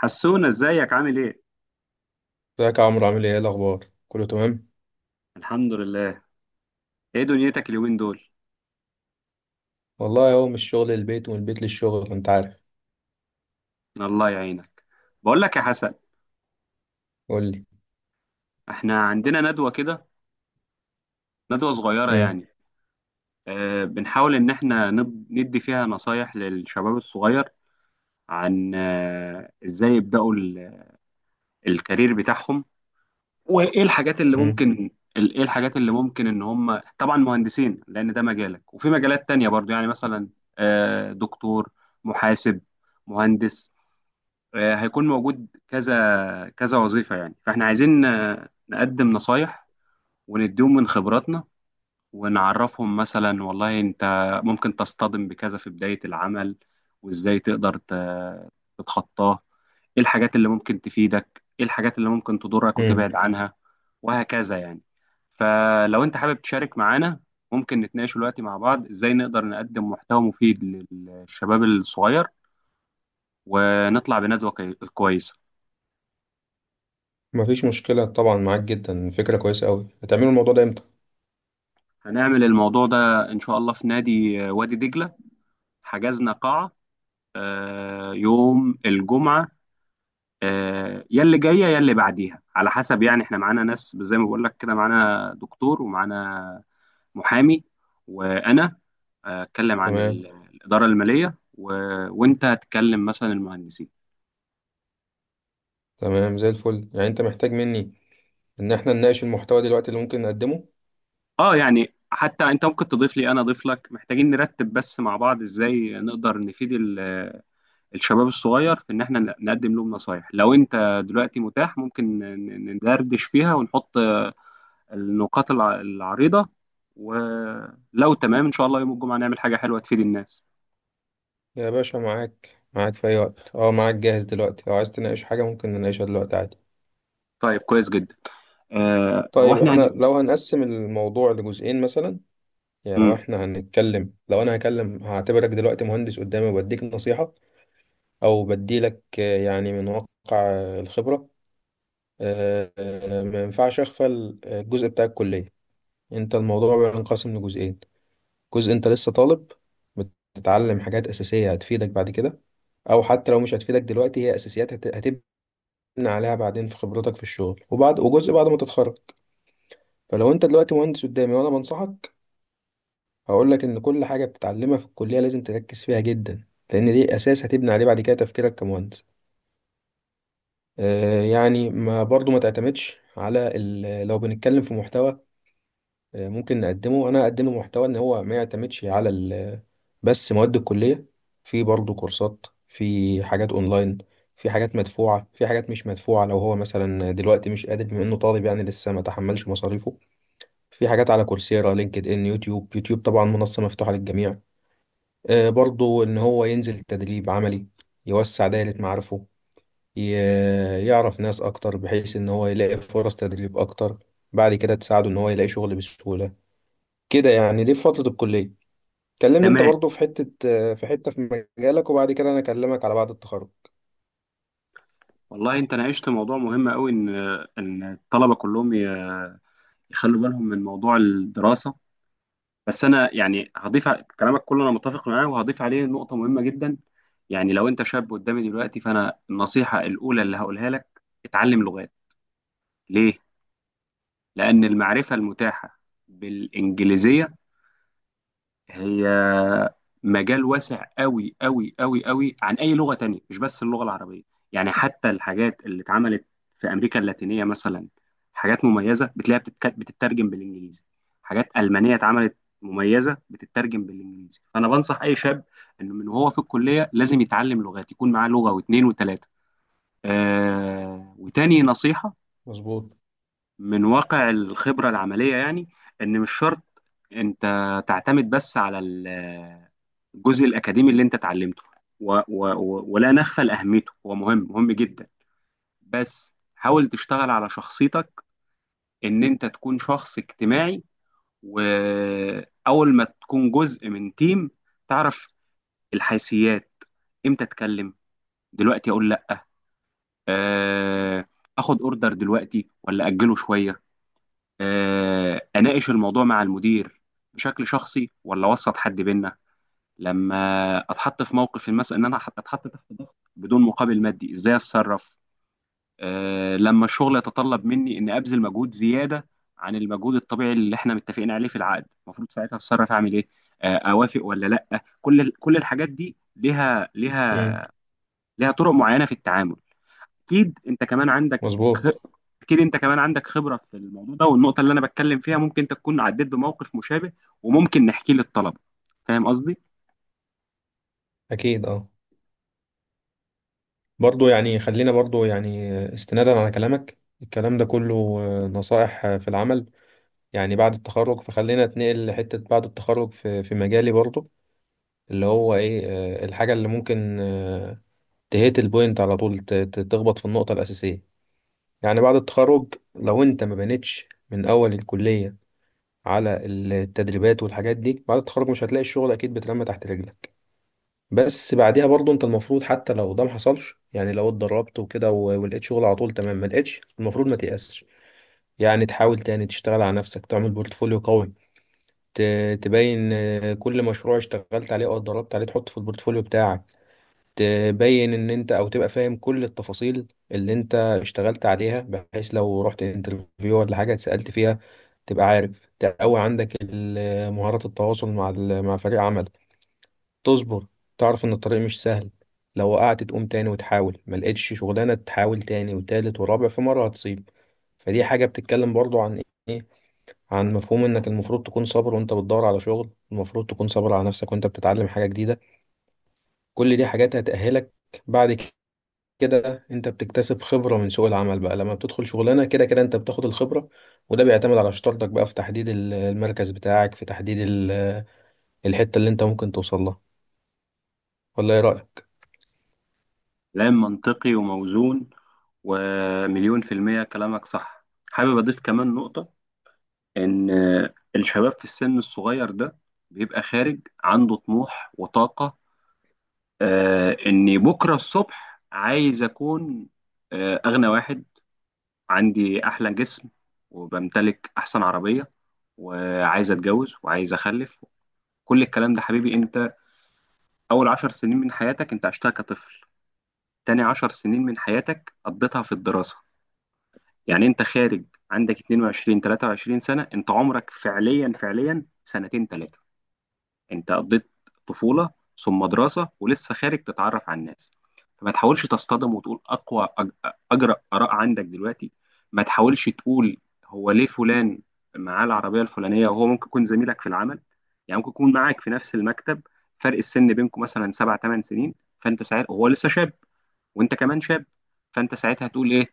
حسونا، ازيك عامل ايه؟ ازيك يا عمرو، عامل ايه؟ إيه الاخبار؟ كله تمام؟ الحمد لله. ايه دنيتك اليومين دول؟ والله اهو من الشغل للبيت ومن البيت للشغل، انت عارف. الله يعينك. بقول لك يا حسن، قول لي. احنا عندنا ندوة كده، ندوة صغيرة امم. يعني. اه بنحاول ان احنا ندي فيها نصايح للشباب الصغير، عن ازاي يبدأوا الكارير بتاعهم، وايه الحاجات اللي امم. ممكن ال- ايه الحاجات اللي ممكن، ان هم طبعا مهندسين لان ده مجالك، وفي مجالات تانية برضو، يعني مثلا اه دكتور، محاسب، مهندس، هيكون موجود كذا كذا وظيفة يعني. فاحنا عايزين نقدم نصايح ونديهم من خبراتنا، ونعرفهم مثلا والله انت ممكن تصطدم بكذا في بداية العمل، وازاي تقدر تتخطاه، ايه الحاجات اللي ممكن تفيدك، ايه الحاجات اللي ممكن تضرك وتبعد امم. عنها، وهكذا يعني. فلو انت حابب تشارك معانا، ممكن نتناقش دلوقتي مع بعض ازاي نقدر نقدم محتوى مفيد للشباب الصغير، ونطلع بندوة كويسة. مفيش مشكله، طبعا معاك جدا، فكره كويسه قوي. هتعملوا الموضوع ده امتى؟ هنعمل الموضوع ده إن شاء الله في نادي وادي دجلة، حجزنا قاعة يوم الجمعة، يا اللي جاية يا اللي بعديها على حسب، يعني احنا معانا ناس زي ما بقول لك كده، معانا دكتور ومعانا محامي، وأنا أتكلم عن تمام، الإدارة المالية. وأنت هتكلم مثلا المهندسين. تمام. زي الفل، يعني انت محتاج مني ان احنا نناقش المحتوى دلوقتي اللي ممكن نقدمه؟ اه يعني حتى انت ممكن تضيف لي، انا اضيف لك، محتاجين نرتب بس مع بعض ازاي نقدر نفيد الشباب الصغير في ان احنا نقدم لهم نصايح. لو انت دلوقتي متاح، ممكن ندردش فيها ونحط النقاط العريضة، ولو تمام ان شاء الله يوم الجمعة نعمل حاجة حلوة تفيد الناس. يا باشا معاك، معاك في اي وقت، اه معاك، جاهز دلوقتي. لو عايز تناقش حاجه ممكن نناقشها دلوقتي عادي. طيب، كويس جدا. هو طيب احنا. احنا لو هنقسم الموضوع لجزئين مثلا، يعني لو مم. احنا هنتكلم، لو انا هكلم، هعتبرك دلوقتي مهندس قدامي وبديك نصيحة او بديلك يعني من واقع الخبره. ما ينفعش اغفل الجزء بتاع الكليه. انت الموضوع بينقسم لجزئين: جزء انت لسه طالب، بتتعلم حاجات اساسيه هتفيدك بعد كده، او حتى لو مش هتفيدك دلوقتي هي اساسيات هتبني عليها بعدين في خبرتك في الشغل، وجزء بعد ما تتخرج. فلو انت دلوقتي مهندس قدامي وانا بنصحك، هقول لك ان كل حاجه بتتعلمها في الكليه لازم تركز فيها جدا، لان دي اساس هتبني عليه بعد كده تفكيرك كمهندس. يعني ما برضو ما تعتمدش على لو بنتكلم في محتوى ممكن نقدمه، انا اقدم محتوى ان هو ما يعتمدش على بس مواد الكلية. في برضو كورسات، في حاجات اونلاين، في حاجات مدفوعة، في حاجات مش مدفوعة. لو هو مثلا دلوقتي مش قادر بما انه طالب يعني لسه ما تحملش مصاريفه، في حاجات على كورسيرا، لينكد ان، يوتيوب. يوتيوب طبعا منصة مفتوحة للجميع. برضو ان هو ينزل تدريب عملي، يوسع دائرة معارفه، يعرف ناس أكتر بحيث إن هو يلاقي فرص تدريب أكتر، بعد كده تساعده إن هو يلاقي شغل بسهولة. كده يعني، دي في فترة الكلية. كلمني أنت تمام. برضو في حتة، في مجالك، وبعد كده أنا أكلمك على بعد التخرج. والله انت ناقشت موضوع مهم قوي، ان الطلبة كلهم يخلوا بالهم من موضوع الدراسة. بس انا يعني هضيف كلامك كله انا متفق معاه، وهضيف عليه نقطه مهمه جدا. يعني لو انت شاب قدامي دلوقتي، فانا النصيحه الاولى اللي هقولها لك اتعلم لغات. ليه؟ لان المعرفه المتاحه بالانجليزيه هي مجال واسع قوي قوي قوي قوي عن اي لغه تانية، مش بس اللغه العربيه. يعني حتى الحاجات اللي اتعملت في امريكا اللاتينيه مثلا، حاجات مميزه بتلاقيها بتترجم بالانجليزي. حاجات المانيه اتعملت مميزه بتترجم بالانجليزي، فانا بنصح اي شاب انه من وهو في الكليه لازم يتعلم لغات، يكون معاه لغه واثنين وثلاثه. وتاني نصيحه مظبوط. من واقع الخبرة العملية يعني، إن مش شرط أنت تعتمد بس على الجزء الأكاديمي اللي أنت اتعلمته، و و و ولا نغفل أهميته، هو مهم مهم جدا. بس حاول تشتغل على شخصيتك، إن أنت تكون شخص اجتماعي، وأول ما تكون جزء من تيم تعرف الحيثيات، إمتى أتكلم، دلوقتي أقول لأ، آه، آخد أوردر دلوقتي ولا أجله شوية، اناقش الموضوع مع المدير بشكل شخصي ولا اوسط حد بينا، لما اتحط في موقف مثلا ان انا اتحط تحت ضغط بدون مقابل مادي ازاي اتصرف، لما الشغل يتطلب مني اني ابذل مجهود زياده عن المجهود الطبيعي اللي احنا متفقين عليه في العقد، المفروض ساعتها اتصرف اعمل ايه، اوافق ولا لا. كل كل الحاجات دي ليها امم. ليها ليها طرق معينه في التعامل. اكيد انت كمان عندك خ... مظبوط. اكيد انت كمان عندك خبرة في الموضوع ده، والنقطة اللي انا بتكلم فيها ممكن انت تكون عديت بموقف مشابه، وممكن نحكيه للطلبة. فاهم قصدي؟ أكيد أه. برضو يعني خلينا، برضو يعني استنادا على كلامك، الكلام ده كله نصائح في العمل يعني بعد التخرج، فخلينا اتنقل لحتة بعد التخرج في مجالي برضو، اللي هو ايه؟ الحاجة اللي ممكن تهيت البوينت على طول، تخبط في النقطة الأساسية. يعني بعد التخرج لو أنت ما بنيتش من أول الكلية على التدريبات والحاجات دي، بعد التخرج مش هتلاقي الشغل أكيد بترمى تحت رجلك. بس بعديها برضو أنت المفروض حتى لو ده ما حصلش، يعني لو اتدربت وكده ولقيت شغل على طول تمام، ما لقيتش المفروض ما تيأسش. يعني تحاول تاني، تشتغل على نفسك، تعمل بورتفوليو قوي. تبين كل مشروع اشتغلت عليه أو اتدربت عليه تحطه في البورتفوليو بتاعك. تبين ان انت، او تبقى فاهم كل التفاصيل اللي انت اشتغلت عليها، بحيث لو رحت انترفيو ولا حاجة اتسألت فيها تبقى عارف. تقوي عندك مهارات التواصل مع مع فريق عمل. تصبر، تعرف ان الطريق مش سهل. لو وقعت تقوم تاني وتحاول، ما لقيتش شغلانة تحاول تاني وتالت ورابع، في مرة هتصيب. فدي حاجة بتتكلم برضو عن ايه؟ عن مفهوم انك المفروض تكون صابر وانت بتدور على شغل، المفروض تكون صابر على نفسك وانت بتتعلم حاجة جديدة. كل دي حاجات هتأهلك. بعد كده انت بتكتسب خبرة من سوق العمل بقى. لما بتدخل شغلانة، كده كده انت بتاخد الخبرة. وده بيعتمد على شطارتك بقى في تحديد المركز بتاعك، في تحديد الحتة اللي انت ممكن توصل لها. ولا ايه رأيك؟ كلام منطقي وموزون، ومليون في المية كلامك صح. حابب اضيف كمان نقطة، ان الشباب في السن الصغير ده بيبقى خارج عنده طموح وطاقة، اني بكرة الصبح عايز اكون اغنى واحد، عندي أحلى جسم، وبمتلك أحسن عربية، وعايز أتجوز وعايز أخلف. كل الكلام ده، حبيبي أنت أول عشر سنين من حياتك أنت عشتها كطفل، تاني عشر سنين من حياتك قضيتها في الدراسة، يعني أنت خارج عندك 22 23 سنة، أنت عمرك فعليا فعليا سنتين تلاتة. انت قضيت طفولة ثم دراسة، ولسه خارج تتعرف على الناس. فما تحاولش تصطدم وتقول اقوى اجرأ اراء عندك دلوقتي، ما تحاولش تقول هو ليه فلان معاه العربية الفلانية، وهو ممكن يكون زميلك في العمل، يعني ممكن يكون معاك في نفس المكتب، فرق السن بينكم مثلا 7 8 سنين، فانت ساعتها هو لسه شاب وانت كمان شاب، فانت ساعتها هتقول ايه؟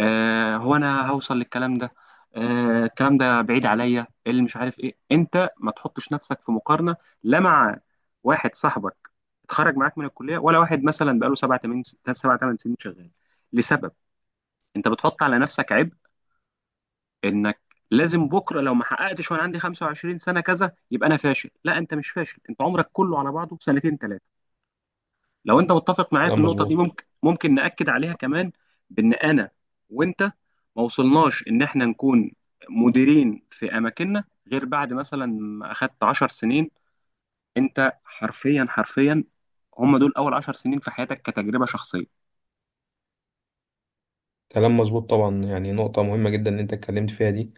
هو انا هوصل للكلام ده، الكلام ده بعيد عليا، إيه اللي مش عارف ايه. انت ما تحطش نفسك في مقارنه، لا مع واحد صاحبك اتخرج معاك من الكليه، ولا واحد مثلا بقاله سبع ثمان سنين شغال، لسبب. انت بتحط على نفسك عبء انك لازم بكره لو ما حققتش وانا عندي 25 سنه كذا يبقى انا فاشل. لا، انت مش فاشل، انت عمرك كله على بعضه سنتين ثلاثه. لو انت متفق معايا في كلام النقطه دي، مظبوط. ممكن ناكد عليها كمان، بان انا وانت ما وصلناش ان احنا نكون مديرين في اماكننا غير بعد مثلا ما اخدت 10 سنين. انت حرفيا حرفيا هم دول اول 10 سنين في حياتك كتجربه شخصيه. كلام مظبوط طبعا، يعني نقطة مهمة جدا ان انت اتكلمت فيها دي،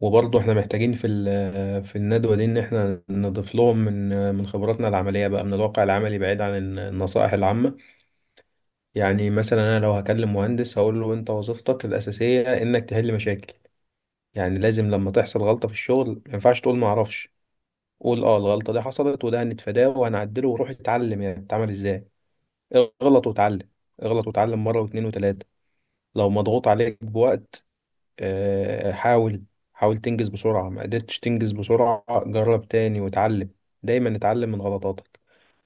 وبرضه احنا محتاجين في في الندوة دي ان احنا نضيف لهم من خبراتنا العملية بقى، من الواقع العملي بعيد عن النصائح العامة. يعني مثلا انا لو هكلم مهندس هقول له انت وظيفتك الأساسية انك تحل مشاكل. يعني لازم لما تحصل غلطة في الشغل ما ينفعش تقول ما اعرفش. قول اه الغلطة دي حصلت، وده هنتفاداه وهنعدله، وروح اتعلم يعني بتتعمل ازاي. اغلط واتعلم، اغلط واتعلم مرة واتنين وتلاتة. لو مضغوط عليك بوقت، حاول، حاول تنجز بسرعة. ما قدرتش تنجز بسرعة، جرب تاني واتعلم. دايما اتعلم من غلطاتك،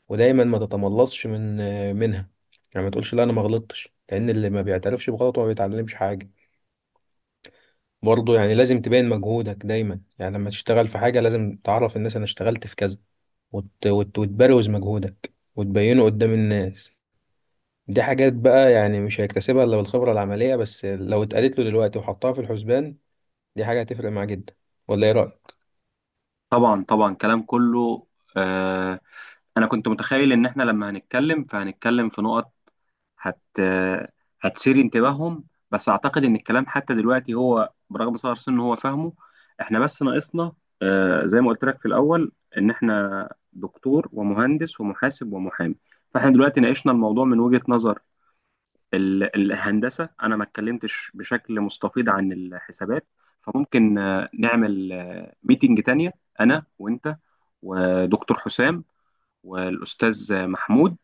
ودايما ما تتملصش من منها. يعني ما تقولش لا انا ما غلطتش، لان اللي ما بيعترفش بغلطه ما بيتعلمش حاجة. برضه يعني لازم تبين مجهودك دايما، يعني لما تشتغل في حاجة لازم تعرف الناس أنا اشتغلت في كذا، وتبروز مجهودك وتبينه قدام الناس. دي حاجات بقى يعني مش هيكتسبها إلا بالخبرة العملية، بس لو اتقالت له دلوقتي وحطها في الحسبان، دي حاجة هتفرق معاه جدا. ولا إيه رأيك؟ طبعا طبعا، كلام كله آه انا كنت متخيل ان احنا لما هنتكلم فهنتكلم في نقط هت هتثير انتباههم، بس اعتقد ان الكلام حتى دلوقتي هو برغم صغر سنه هو فاهمه. احنا بس ناقصنا، زي ما قلت لك في الاول، ان احنا دكتور ومهندس ومحاسب ومحامي. فاحنا دلوقتي ناقشنا الموضوع من وجهة نظر الهندسة، انا ما اتكلمتش بشكل مستفيض عن الحسابات. فممكن نعمل ميتنج تانية، انا وانت ودكتور حسام والاستاذ محمود،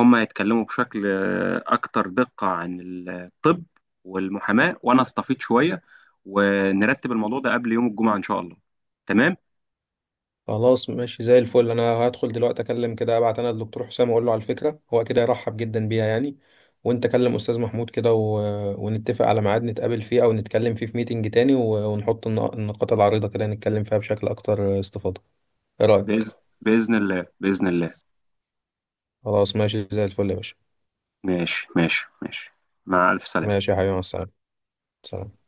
هم يتكلموا بشكل أكتر دقة عن الطب والمحاماة، وأنا أستفيض شوية، ونرتب الموضوع ده قبل يوم الجمعة إن شاء الله. تمام. خلاص ماشي زي الفل. انا هدخل دلوقتي اكلم كده، ابعت انا الدكتور حسام واقول له على الفكره، هو كده يرحب جدا بيها يعني. وانت كلم استاذ محمود كده ونتفق على ميعاد نتقابل فيه او نتكلم فيه في ميتنج تاني، ونحط النقاط العريضه كده نتكلم فيها بشكل اكتر استفاضه. ايه رايك؟ بإذن بإذن الله، بإذن الله. خلاص ماشي زي الفل يا باشا. ماشي ماشي ماشي، مع ألف سلامة. ماشي يا حبيبي، مع السلامه. سلام.